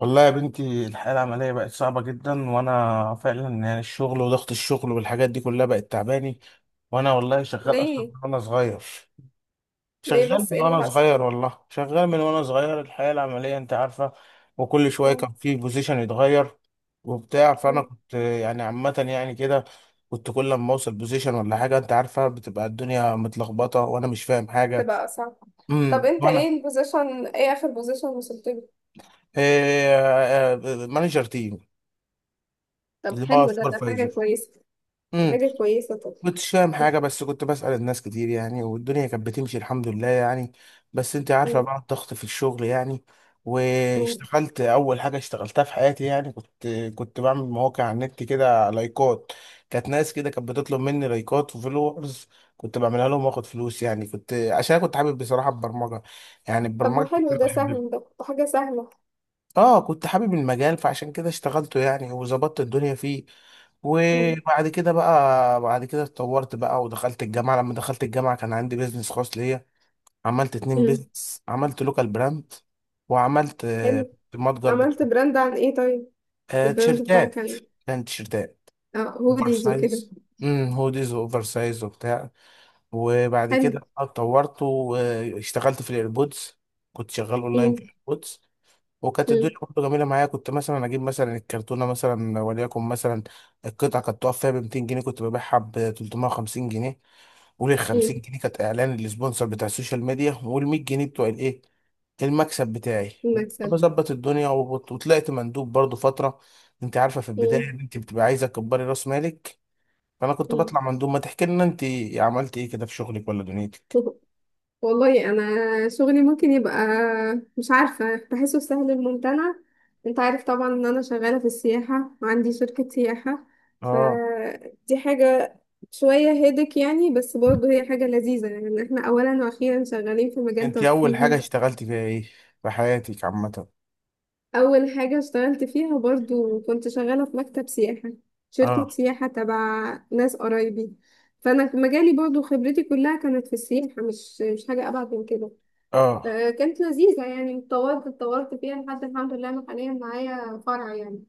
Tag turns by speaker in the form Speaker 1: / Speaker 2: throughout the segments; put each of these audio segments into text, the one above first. Speaker 1: والله يا بنتي الحياة العملية بقت صعبة جدا وأنا فعلا يعني الشغل وضغط الشغل والحاجات دي كلها بقت تعباني. وأنا والله شغال أصلا من
Speaker 2: ليه؟
Speaker 1: وأنا صغير.
Speaker 2: ليه بس ايه اللي حصل؟
Speaker 1: والله شغال من وأنا صغير، الحياة العملية أنت عارفة. وكل شوية
Speaker 2: مم.
Speaker 1: كان في بوزيشن يتغير وبتاع، فأنا
Speaker 2: مم.
Speaker 1: كنت يعني عامة يعني كده. كنت كل لما أوصل بوزيشن ولا حاجة أنت عارفة بتبقى الدنيا متلخبطة وأنا مش فاهم حاجة.
Speaker 2: تبقى صعب. طب انت
Speaker 1: وأنا...
Speaker 2: ايه اخر بوزيشن وصلت له؟
Speaker 1: إيه؟ مانجر تيم،
Speaker 2: طب
Speaker 1: اللي هو
Speaker 2: حلو، ده
Speaker 1: سوبرفايزر.
Speaker 2: حاجة كويسة. دي حاجة كويسة. طب.
Speaker 1: كنتش فاهم حاجة بس كنت بسأل الناس كتير يعني، والدنيا كانت بتمشي الحمد لله يعني. بس انت عارفة
Speaker 2: مم.
Speaker 1: بقى الضغط في الشغل يعني.
Speaker 2: مم.
Speaker 1: واشتغلت أول حاجة اشتغلتها في حياتي، يعني كنت بعمل مواقع على النت كده، لايكات. كانت ناس كده كانت بتطلب مني لايكات وفولورز، كنت بعملها لهم واخد فلوس، يعني كنت عشان كنت حابب بصراحة البرمجة، يعني
Speaker 2: طب ما
Speaker 1: البرمجة
Speaker 2: حلو،
Speaker 1: كنت
Speaker 2: ده
Speaker 1: بحبها.
Speaker 2: سهل، ده حاجة سهلة.
Speaker 1: اه كنت حابب المجال فعشان كده اشتغلته يعني وظبطت الدنيا فيه.
Speaker 2: مم.
Speaker 1: وبعد كده بقى بعد كده اتطورت بقى ودخلت الجامعة. لما دخلت الجامعة كان عندي بيزنس خاص ليا. عملت اتنين
Speaker 2: مم.
Speaker 1: بيزنس، عملت لوكال براند، وعملت
Speaker 2: حلو.
Speaker 1: متجر
Speaker 2: عملت براند عن ايه طيب؟ البراند بتاعك كان
Speaker 1: تيشيرتات.
Speaker 2: ايه؟
Speaker 1: كان تيشيرتات
Speaker 2: اه،
Speaker 1: اوفر
Speaker 2: هوديز وكده.
Speaker 1: سايز، هوديز واوفر سايز وبتاع. وبعد
Speaker 2: حلو.
Speaker 1: كده اتطورت واشتغلت في الايربودز، كنت شغال اونلاين
Speaker 2: مم.
Speaker 1: في الايربودز. وكانت
Speaker 2: مم.
Speaker 1: الدنيا برضه جميله معايا، كنت مثلا اجيب مثلا الكرتونه مثلا وليكن مثلا القطعه كانت تقف فيها ب 200 جنيه، كنت ببيعها ب 350 جنيه. وال
Speaker 2: مم.
Speaker 1: 50 جنيه كانت اعلان للسبونسر بتاع السوشيال ميديا، وال 100 جنيه بتوع الايه، المكسب بتاعي. وكنت
Speaker 2: المكسب.
Speaker 1: بظبط الدنيا وطلعت مندوب برضه فتره. انت عارفه في البدايه
Speaker 2: مم.
Speaker 1: إن انت بتبقى عايزه تكبري راس مالك، فانا كنت بطلع
Speaker 2: مم.
Speaker 1: مندوب. ما تحكي لنا انت عملت ايه كده في شغلك ولا دنيتك.
Speaker 2: والله انا شغلي ممكن يبقى مش عارفه، بحسه سهل الممتنع. انت عارف طبعا ان انا شغاله في السياحه وعندي شركه سياحه.
Speaker 1: اه
Speaker 2: فدي حاجه شويه هيدك يعني، بس برضه هي حاجه لذيذه، يعني إن احنا اولا واخيرا شغالين في مجال
Speaker 1: انت اول حاجه
Speaker 2: ترفيهي.
Speaker 1: اشتغلتي فيها ايه في حياتك عامه؟
Speaker 2: اول حاجه اشتغلت فيها برضه كنت شغاله في مكتب سياحه،
Speaker 1: اه.
Speaker 2: شركه سياحه تبع ناس قرايبي. فانا مجالي برضه خبرتي كلها كانت في السياحه، مش حاجه ابعد من كده.
Speaker 1: اه
Speaker 2: كانت لذيذة، يعني اتطورت فيها لحد الحمد لله أنا حاليا معايا فرع يعني.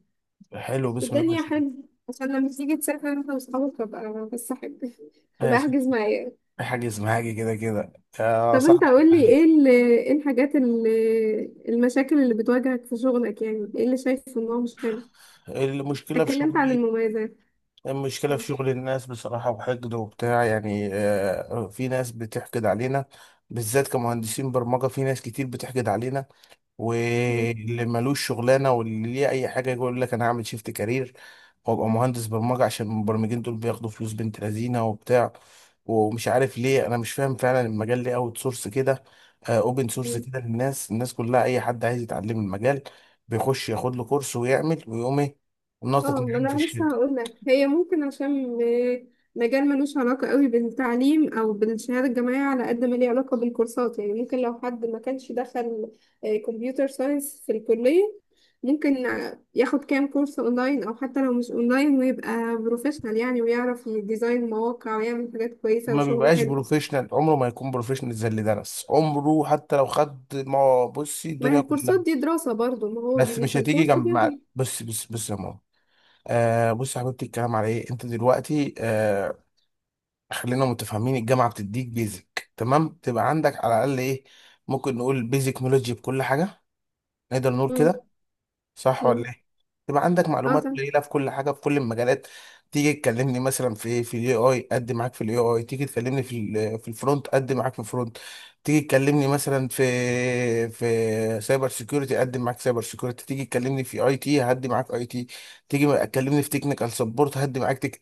Speaker 1: حلو، بسم الله ما
Speaker 2: الدنيا
Speaker 1: شاء الله.
Speaker 2: حلوة. عشان لما تيجي تسافر انت واصحابك، ابقى بس احب ابقى
Speaker 1: ماشي.
Speaker 2: احجز معايا.
Speaker 1: في حاجة اسمها حاجة كده كده يا
Speaker 2: طب انت
Speaker 1: صاحبي.
Speaker 2: قول لي، ايه المشاكل اللي بتواجهك في شغلك؟ يعني ايه اللي شايف ان هو مش حلو؟
Speaker 1: المشكلة في
Speaker 2: اتكلمت عن
Speaker 1: شغلي،
Speaker 2: المميزات.
Speaker 1: المشكلة في شغل الناس بصراحة، وحقد وبتاع يعني، في ناس بتحقد علينا. بالذات كمهندسين برمجة في ناس كتير بتحقد علينا، واللي ملوش شغلانه واللي ليه اي حاجه يقول لك انا هعمل شيفت كارير وابقى مهندس برمجه عشان المبرمجين دول بياخدوا فلوس بنت لذينه وبتاع. ومش عارف ليه، انا مش فاهم فعلا المجال ليه اوت سورس كده، اوبن سورس كده للناس. الناس كلها اي حد عايز يتعلم المجال بيخش ياخد له كورس ويعمل ويقوم ايه،
Speaker 2: اه،
Speaker 1: ناطط
Speaker 2: ما
Speaker 1: معانا في
Speaker 2: انا لسه
Speaker 1: الشركه.
Speaker 2: هقول لك، هي ممكن مجال ملوش علاقة قوي بالتعليم او بالشهادة الجامعية على قد ما ليه علاقة بالكورسات. يعني ممكن لو حد ما كانش دخل كمبيوتر ساينس في الكلية، ممكن ياخد كام كورس اونلاين او حتى لو مش اونلاين ويبقى بروفيشنال يعني، ويعرف يديزاين مواقع ويعمل حاجات كويسة
Speaker 1: ما
Speaker 2: وشغل
Speaker 1: بيبقاش
Speaker 2: حلو.
Speaker 1: بروفيشنال، عمره ما يكون بروفيشنال زي اللي درس، عمره حتى لو خد ما بصي
Speaker 2: ما هي
Speaker 1: الدنيا كلها.
Speaker 2: الكورسات دي دراسة برضو، ما هو
Speaker 1: بس
Speaker 2: بي
Speaker 1: مش
Speaker 2: في
Speaker 1: هتيجي
Speaker 2: الكورس
Speaker 1: جنب مع...
Speaker 2: بياخد.
Speaker 1: بص بص بص يا ماما، آه بص يا حبيبتي. الكلام على ايه انت دلوقتي؟ آه، خلينا متفاهمين. الجامعه بتديك بيزك، تمام؟ تبقى عندك على الاقل ايه، ممكن نقول بيزك نولوجي بكل حاجه. نقدر نقول
Speaker 2: مم،
Speaker 1: كده، صح
Speaker 2: مم.
Speaker 1: ولا ايه؟ يبقى عندك
Speaker 2: اه،
Speaker 1: معلومات
Speaker 2: تمام.
Speaker 1: قليله في كل حاجه، في كل المجالات. تيجي تكلمني مثلا في في الاي اي، قد معاك في الاي اي. تيجي تكلمني في في الفرونت، قد معاك في الفرونت. تيجي تكلمني مثلا في سايبر سيكيورتي، قد معاك سايبر سيكيورتي. تيجي تكلمني في اي تي، هدي معاك اي تي. تيجي تكلمني في تكنيكال سبورت، هدي معاك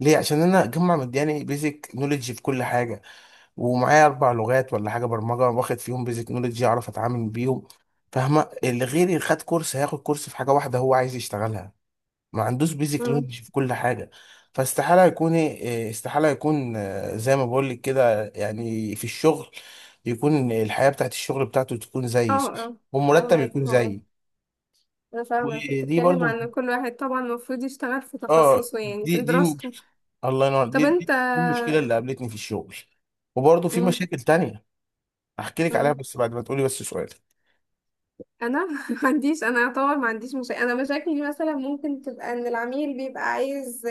Speaker 1: ليه؟ عشان انا اجمع مدياني بيزك نوليدج في كل حاجه. ومعايا اربع لغات ولا حاجه برمجه واخد فيهم بيزك نولج، اعرف اتعامل بيهم. فاهمه؟ اللي غيري خد كورس، هياخد كورس في حاجه واحده هو عايز يشتغلها، ما عندوش بيزك
Speaker 2: اه.
Speaker 1: نولج في كل حاجه. فاستحاله يكون استحاله يكون زي ما بقول لك كده يعني في الشغل، يكون الحياه بتاعت الشغل بتاعته تكون زيي،
Speaker 2: اه.
Speaker 1: صح؟
Speaker 2: اه
Speaker 1: والمرتب
Speaker 2: فاهمك.
Speaker 1: يكون
Speaker 2: اه.
Speaker 1: زيي.
Speaker 2: انا فاهمة انت
Speaker 1: ودي
Speaker 2: بتتكلم
Speaker 1: برضو،
Speaker 2: عن إن كل واحد طبعا المفروض يشتغل في
Speaker 1: اه،
Speaker 2: تخصصه، يعني
Speaker 1: دي
Speaker 2: في
Speaker 1: دي
Speaker 2: دراسته.
Speaker 1: الله ينور،
Speaker 2: طب انت.
Speaker 1: دي المشكله اللي قابلتني في الشغل. وبرضه في
Speaker 2: مم.
Speaker 1: مشاكل تانية احكي لك عليها،
Speaker 2: مم.
Speaker 1: بس بعد ما تقولي. بس سؤال.
Speaker 2: انا ما عنديش، انا اعتبر ما عنديش مشاكل. انا مشاكلي مثلا ممكن تبقى ان العميل بيبقى عايز،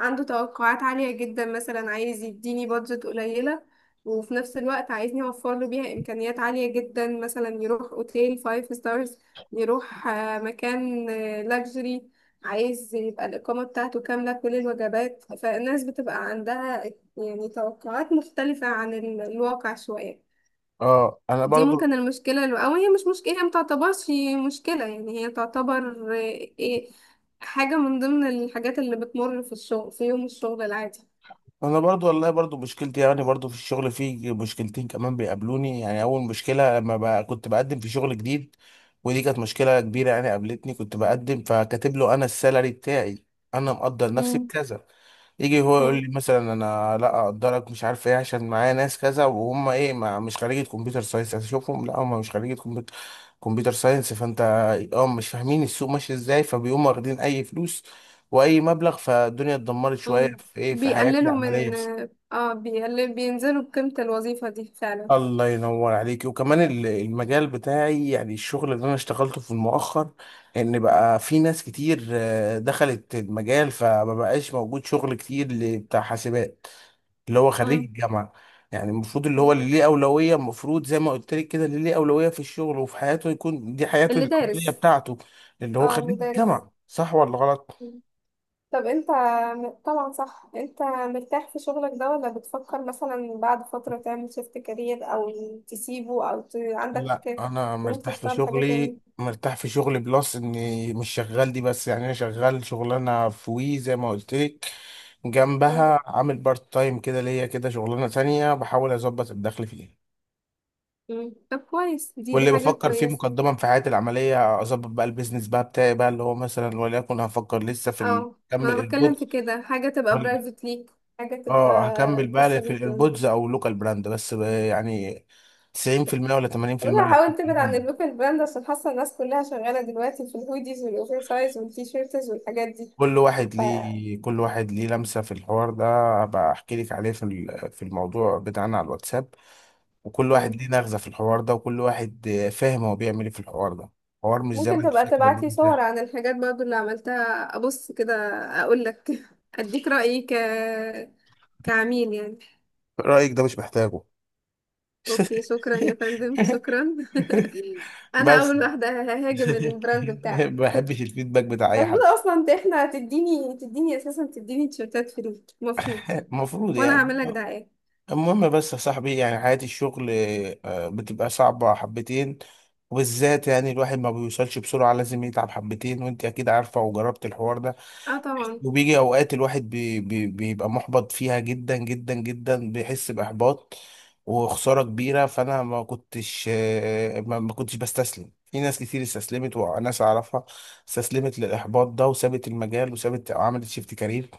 Speaker 2: عنده توقعات عالية جدا، مثلا عايز يديني بادجت قليلة وفي نفس الوقت عايزني اوفر له بيها امكانيات عالية جدا. مثلا يروح اوتيل فايف ستارز، يروح مكان لاكجري، عايز يبقى الإقامة بتاعته كاملة كل الوجبات، فالناس بتبقى عندها يعني توقعات مختلفة عن الواقع شوية.
Speaker 1: اه انا
Speaker 2: دي
Speaker 1: برضو.
Speaker 2: ممكن المشكلة، اللي أو هي مش مشكلة، هي متعتبرش مشكلة يعني، هي تعتبر إيه، حاجة من ضمن الحاجات اللي بتمر في الشغل في يوم الشغل العادي.
Speaker 1: انا برضو والله برضو مشكلتي يعني، برضو في الشغل في مشكلتين كمان بيقابلوني. يعني اول مشكله لما بقى كنت بقدم في شغل جديد، ودي كانت مشكله كبيره يعني قابلتني. كنت بقدم فكاتب له انا السالري بتاعي، انا مقدر نفسي
Speaker 2: مم.
Speaker 1: بكذا. يجي هو يقول
Speaker 2: مم.
Speaker 1: لي مثلا انا لا اقدرك، مش عارف ايه، عشان معايا ناس كذا وهم ايه، ما مش خريجة كمبيوتر ساينس. اشوفهم لا هم مش خريجة كمبيوتر ساينس. فانت اه مش فاهمين السوق ماشي ازاي، فبيقوموا واخدين اي فلوس واي مبلغ، فالدنيا اتدمرت شويه
Speaker 2: مم.
Speaker 1: في ايه، في حياتي
Speaker 2: بيقللوا
Speaker 1: العمليه
Speaker 2: من.
Speaker 1: بس.
Speaker 2: اه، بيقلل، بينزلوا بقيمة الوظيفة دي فعلا.
Speaker 1: الله ينور عليك. وكمان المجال بتاعي، يعني الشغل اللي انا اشتغلته في المؤخر، ان بقى في ناس كتير دخلت المجال فما بقاش موجود شغل كتير بتاع حاسبات، اللي هو خريج
Speaker 2: مم.
Speaker 1: الجامعه. يعني المفروض اللي هو
Speaker 2: مم.
Speaker 1: اللي ليه اولويه، المفروض زي ما قلت لك كده، اللي ليه اولويه في الشغل وفي حياته يكون دي حياته
Speaker 2: اللي
Speaker 1: العمليه
Speaker 2: دارس.
Speaker 1: بتاعته، اللي هو
Speaker 2: اه، اللي
Speaker 1: خريج
Speaker 2: دارس.
Speaker 1: الجامعه. صح ولا غلط؟
Speaker 2: طب انت طبعا صح، انت مرتاح في شغلك ده ولا بتفكر مثلا بعد فترة تعمل شيفت كارير او تسيبه او
Speaker 1: لا
Speaker 2: عندك
Speaker 1: انا
Speaker 2: طموح
Speaker 1: مرتاح في
Speaker 2: تشتغل حاجة
Speaker 1: شغلي.
Speaker 2: تاني؟
Speaker 1: مرتاح في شغلي، بلس اني مش شغال دي بس، يعني انا شغال شغلانه في وي زي ما قلت لك،
Speaker 2: مم.
Speaker 1: جنبها عامل بارت تايم كده ليا كده شغلانه تانية بحاول اظبط الدخل فيها.
Speaker 2: مم. طب كويس، دي
Speaker 1: واللي
Speaker 2: دي حاجة
Speaker 1: بفكر فيه
Speaker 2: كويسة.
Speaker 1: مقدما في حياتي العمليه، اظبط بقى البيزنس بقى بتاعي بقى، اللي هو مثلا وليكن هفكر لسه في
Speaker 2: اه، ما
Speaker 1: اكمل
Speaker 2: انا بتكلم في
Speaker 1: الايربودز.
Speaker 2: كده حاجة تبقى
Speaker 1: وال-
Speaker 2: برايفت ليك، حاجة تبقى
Speaker 1: اه هكمل
Speaker 2: خاصة
Speaker 1: بقى في
Speaker 2: بيك يعني.
Speaker 1: الايربودز او لوكال براند، بس يعني 90% ولا 80%
Speaker 2: والله
Speaker 1: رايح.
Speaker 2: حاول تبعد عن اللوكال براند عشان حاسة الناس كلها شغالة دلوقتي في الهوديز والاوفر سايز والتيشيرتز والحاجات دي.
Speaker 1: كل واحد ليه، كل واحد ليه لمسة في الحوار ده. هبقى احكي لك عليه في في الموضوع بتاعنا على الواتساب. وكل
Speaker 2: ف...
Speaker 1: واحد ليه نغزة في الحوار ده، وكل واحد فاهم هو بيعمل ايه في الحوار ده. حوار مش زي ما
Speaker 2: ممكن
Speaker 1: انت
Speaker 2: تبقى
Speaker 1: فاكر إن هو
Speaker 2: تبعتلي صور
Speaker 1: بتاع.
Speaker 2: عن الحاجات برضو اللي عملتها، ابص كده اقول لك اديك رأيي، كعميل يعني.
Speaker 1: رأيك ده مش محتاجه.
Speaker 2: اوكي، شكرا يا فندم، شكرا. انا
Speaker 1: بس.
Speaker 2: اول واحدة ههاجم البراند
Speaker 1: ما
Speaker 2: بتاعك.
Speaker 1: بحبش الفيدباك بتاع اي
Speaker 2: المفروض
Speaker 1: حد.
Speaker 2: اصلا انت، احنا، تديني اساسا تديني تيشيرتات فري المفروض.
Speaker 1: المفروض
Speaker 2: وانا
Speaker 1: يعني.
Speaker 2: هعمل لك دعاية.
Speaker 1: المهم بس يا صاحبي يعني حياة الشغل بتبقى صعبة حبتين، وبالذات يعني الواحد ما بيوصلش بسرعة، لازم يتعب حبتين، وانت اكيد عارفة وجربت الحوار ده.
Speaker 2: اه طبعا.
Speaker 1: وبيجي اوقات الواحد بي بي بيبقى محبط فيها جدا جدا جدا، بيحس بإحباط وخسارة كبيرة. فانا ما كنتش ما ما كنتش بستسلم. في ناس كتير استسلمت، وناس اعرفها استسلمت للإحباط ده، وسابت المجال وسابت، عملت شيفت كارير.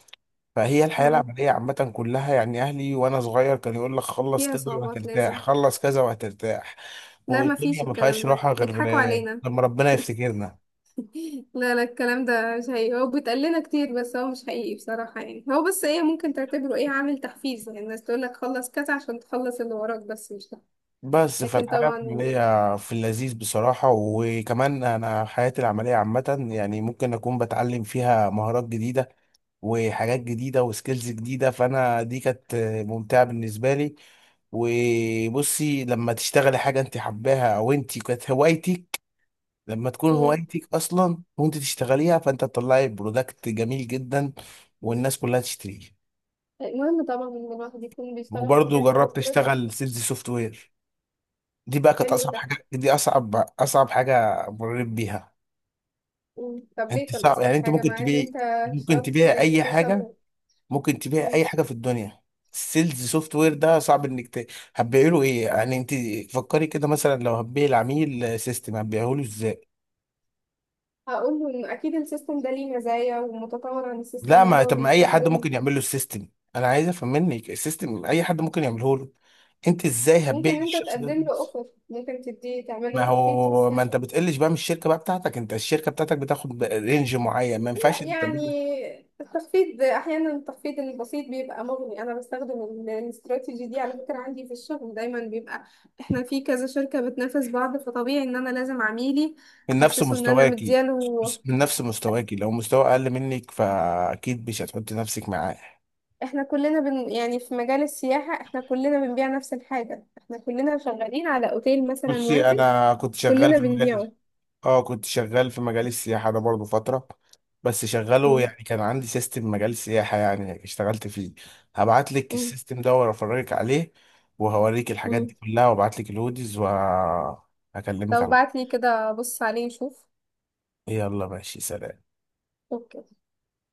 Speaker 1: فهي الحياة
Speaker 2: مم.
Speaker 1: العملية عامة كلها يعني، أهلي وأنا صغير كان يقول لك خلص
Speaker 2: فيها
Speaker 1: كذا
Speaker 2: صعوبات
Speaker 1: وهترتاح،
Speaker 2: لازم.
Speaker 1: خلص كذا وهترتاح،
Speaker 2: لا، ما
Speaker 1: والدنيا
Speaker 2: فيش،
Speaker 1: ما
Speaker 2: الكلام
Speaker 1: فيهاش
Speaker 2: ده
Speaker 1: راحة غير
Speaker 2: بيضحكوا علينا.
Speaker 1: لما ربنا يفتكرنا.
Speaker 2: لا لا، الكلام ده مش حقيقي، هو بيتقال لنا كتير بس هو مش حقيقي بصراحة يعني. هو بس ايه ممكن تعتبره، ايه، عامل تحفيز، يعني الناس تقول لك خلص كذا عشان تخلص اللي وراك، بس مش ده.
Speaker 1: بس
Speaker 2: لكن
Speaker 1: فالحياة
Speaker 2: طبعا.
Speaker 1: العملية في اللذيذ بصراحة. وكمان أنا حياتي العملية عامة يعني ممكن أكون بتعلم فيها مهارات جديدة وحاجات جديدة وسكيلز جديدة، فأنا دي كانت ممتعة بالنسبة لي. وبصي لما تشتغلي حاجة انت حباها او انت كانت هوايتك، لما تكون
Speaker 2: مم.
Speaker 1: هوايتك اصلا وانت تشتغليها، فانت تطلعي برودكت جميل جدا والناس كلها تشتريه.
Speaker 2: المهم طبعا ان الواحد يكون بيشتغل في
Speaker 1: وبرضه
Speaker 2: حاجة هو
Speaker 1: جربت
Speaker 2: حاببها.
Speaker 1: اشتغل سيلز سوفت وير، دي بقى كانت
Speaker 2: حلو
Speaker 1: اصعب
Speaker 2: ده.
Speaker 1: حاجه، دي اصعب، اصعب حاجه مريت بيها.
Speaker 2: مم. طب ليه
Speaker 1: انت
Speaker 2: كان
Speaker 1: صعب يعني،
Speaker 2: أصعب
Speaker 1: انت
Speaker 2: حاجة
Speaker 1: ممكن
Speaker 2: مع إن أنت
Speaker 1: تبيعي، ممكن
Speaker 2: اشتغلت في
Speaker 1: تبيعي
Speaker 2: حاجات
Speaker 1: اي
Speaker 2: كتير
Speaker 1: حاجه،
Speaker 2: شبهه؟
Speaker 1: ممكن تبيعي اي
Speaker 2: مم.
Speaker 1: حاجه في الدنيا. السيلز سوفت وير ده صعب انك هتبيعي له ايه يعني انت؟ فكري كده، مثلا لو هتبيعي العميل سيستم، هتبيعه له.
Speaker 2: هقول له إن أكيد السيستم ده ليه مزايا ومتطور عن السيستم
Speaker 1: لا،
Speaker 2: اللي
Speaker 1: ما
Speaker 2: هو
Speaker 1: طب ما اي حد
Speaker 2: بيستخدمه.
Speaker 1: ممكن يعمل له السيستم، انا عايز افهم منك السيستم اي حد ممكن يعمله له. انت ازاي هتبيع
Speaker 2: ممكن أنت
Speaker 1: الشخص ده
Speaker 2: تقدم له
Speaker 1: الفلوس؟
Speaker 2: أوفر، ممكن تديه، تعمل
Speaker 1: ما
Speaker 2: له تخفيض في
Speaker 1: هو ما
Speaker 2: السعر.
Speaker 1: انت بتقلش بقى من الشركه بقى بتاعتك، انت الشركه بتاعتك بتاخد رينج معين، ما ينفعش
Speaker 2: لا
Speaker 1: انت
Speaker 2: يعني،
Speaker 1: تعمله
Speaker 2: التخفيض احيانا، التخفيض البسيط بيبقى مغني. انا بستخدم الاستراتيجي دي على فكره، عندي في الشغل دايما بيبقى احنا في كذا شركه بتنافس بعض، فطبيعي ان انا لازم عميلي
Speaker 1: من نفس
Speaker 2: احسسه ان انا
Speaker 1: مستواكي.
Speaker 2: مدياله.
Speaker 1: من نفس مستواكي، لو مستوى اقل منك فاكيد مش هتحط نفسك معاه.
Speaker 2: احنا كلنا بن يعني في مجال السياحه احنا كلنا بنبيع نفس الحاجه، احنا كلنا شغالين على اوتيل مثلا
Speaker 1: بصي
Speaker 2: واحد
Speaker 1: انا كنت شغال
Speaker 2: كلنا
Speaker 1: في المجال،
Speaker 2: بنبيعه.
Speaker 1: اه كنت شغال في مجال السياحة ده برضو فترة. بس شغاله
Speaker 2: امم.
Speaker 1: يعني، كان عندي سيستم مجال سياحة يعني اشتغلت فيه. هبعت لك
Speaker 2: امم.
Speaker 1: السيستم ده وافرجك عليه، وهوريك الحاجات دي
Speaker 2: امم.
Speaker 1: كلها، وابعت لك الهوديز،
Speaker 2: طب
Speaker 1: وهكلمك على...
Speaker 2: ابعت لي كده، بص عليه نشوف.
Speaker 1: يلا ماشي، سلام.
Speaker 2: اوكي.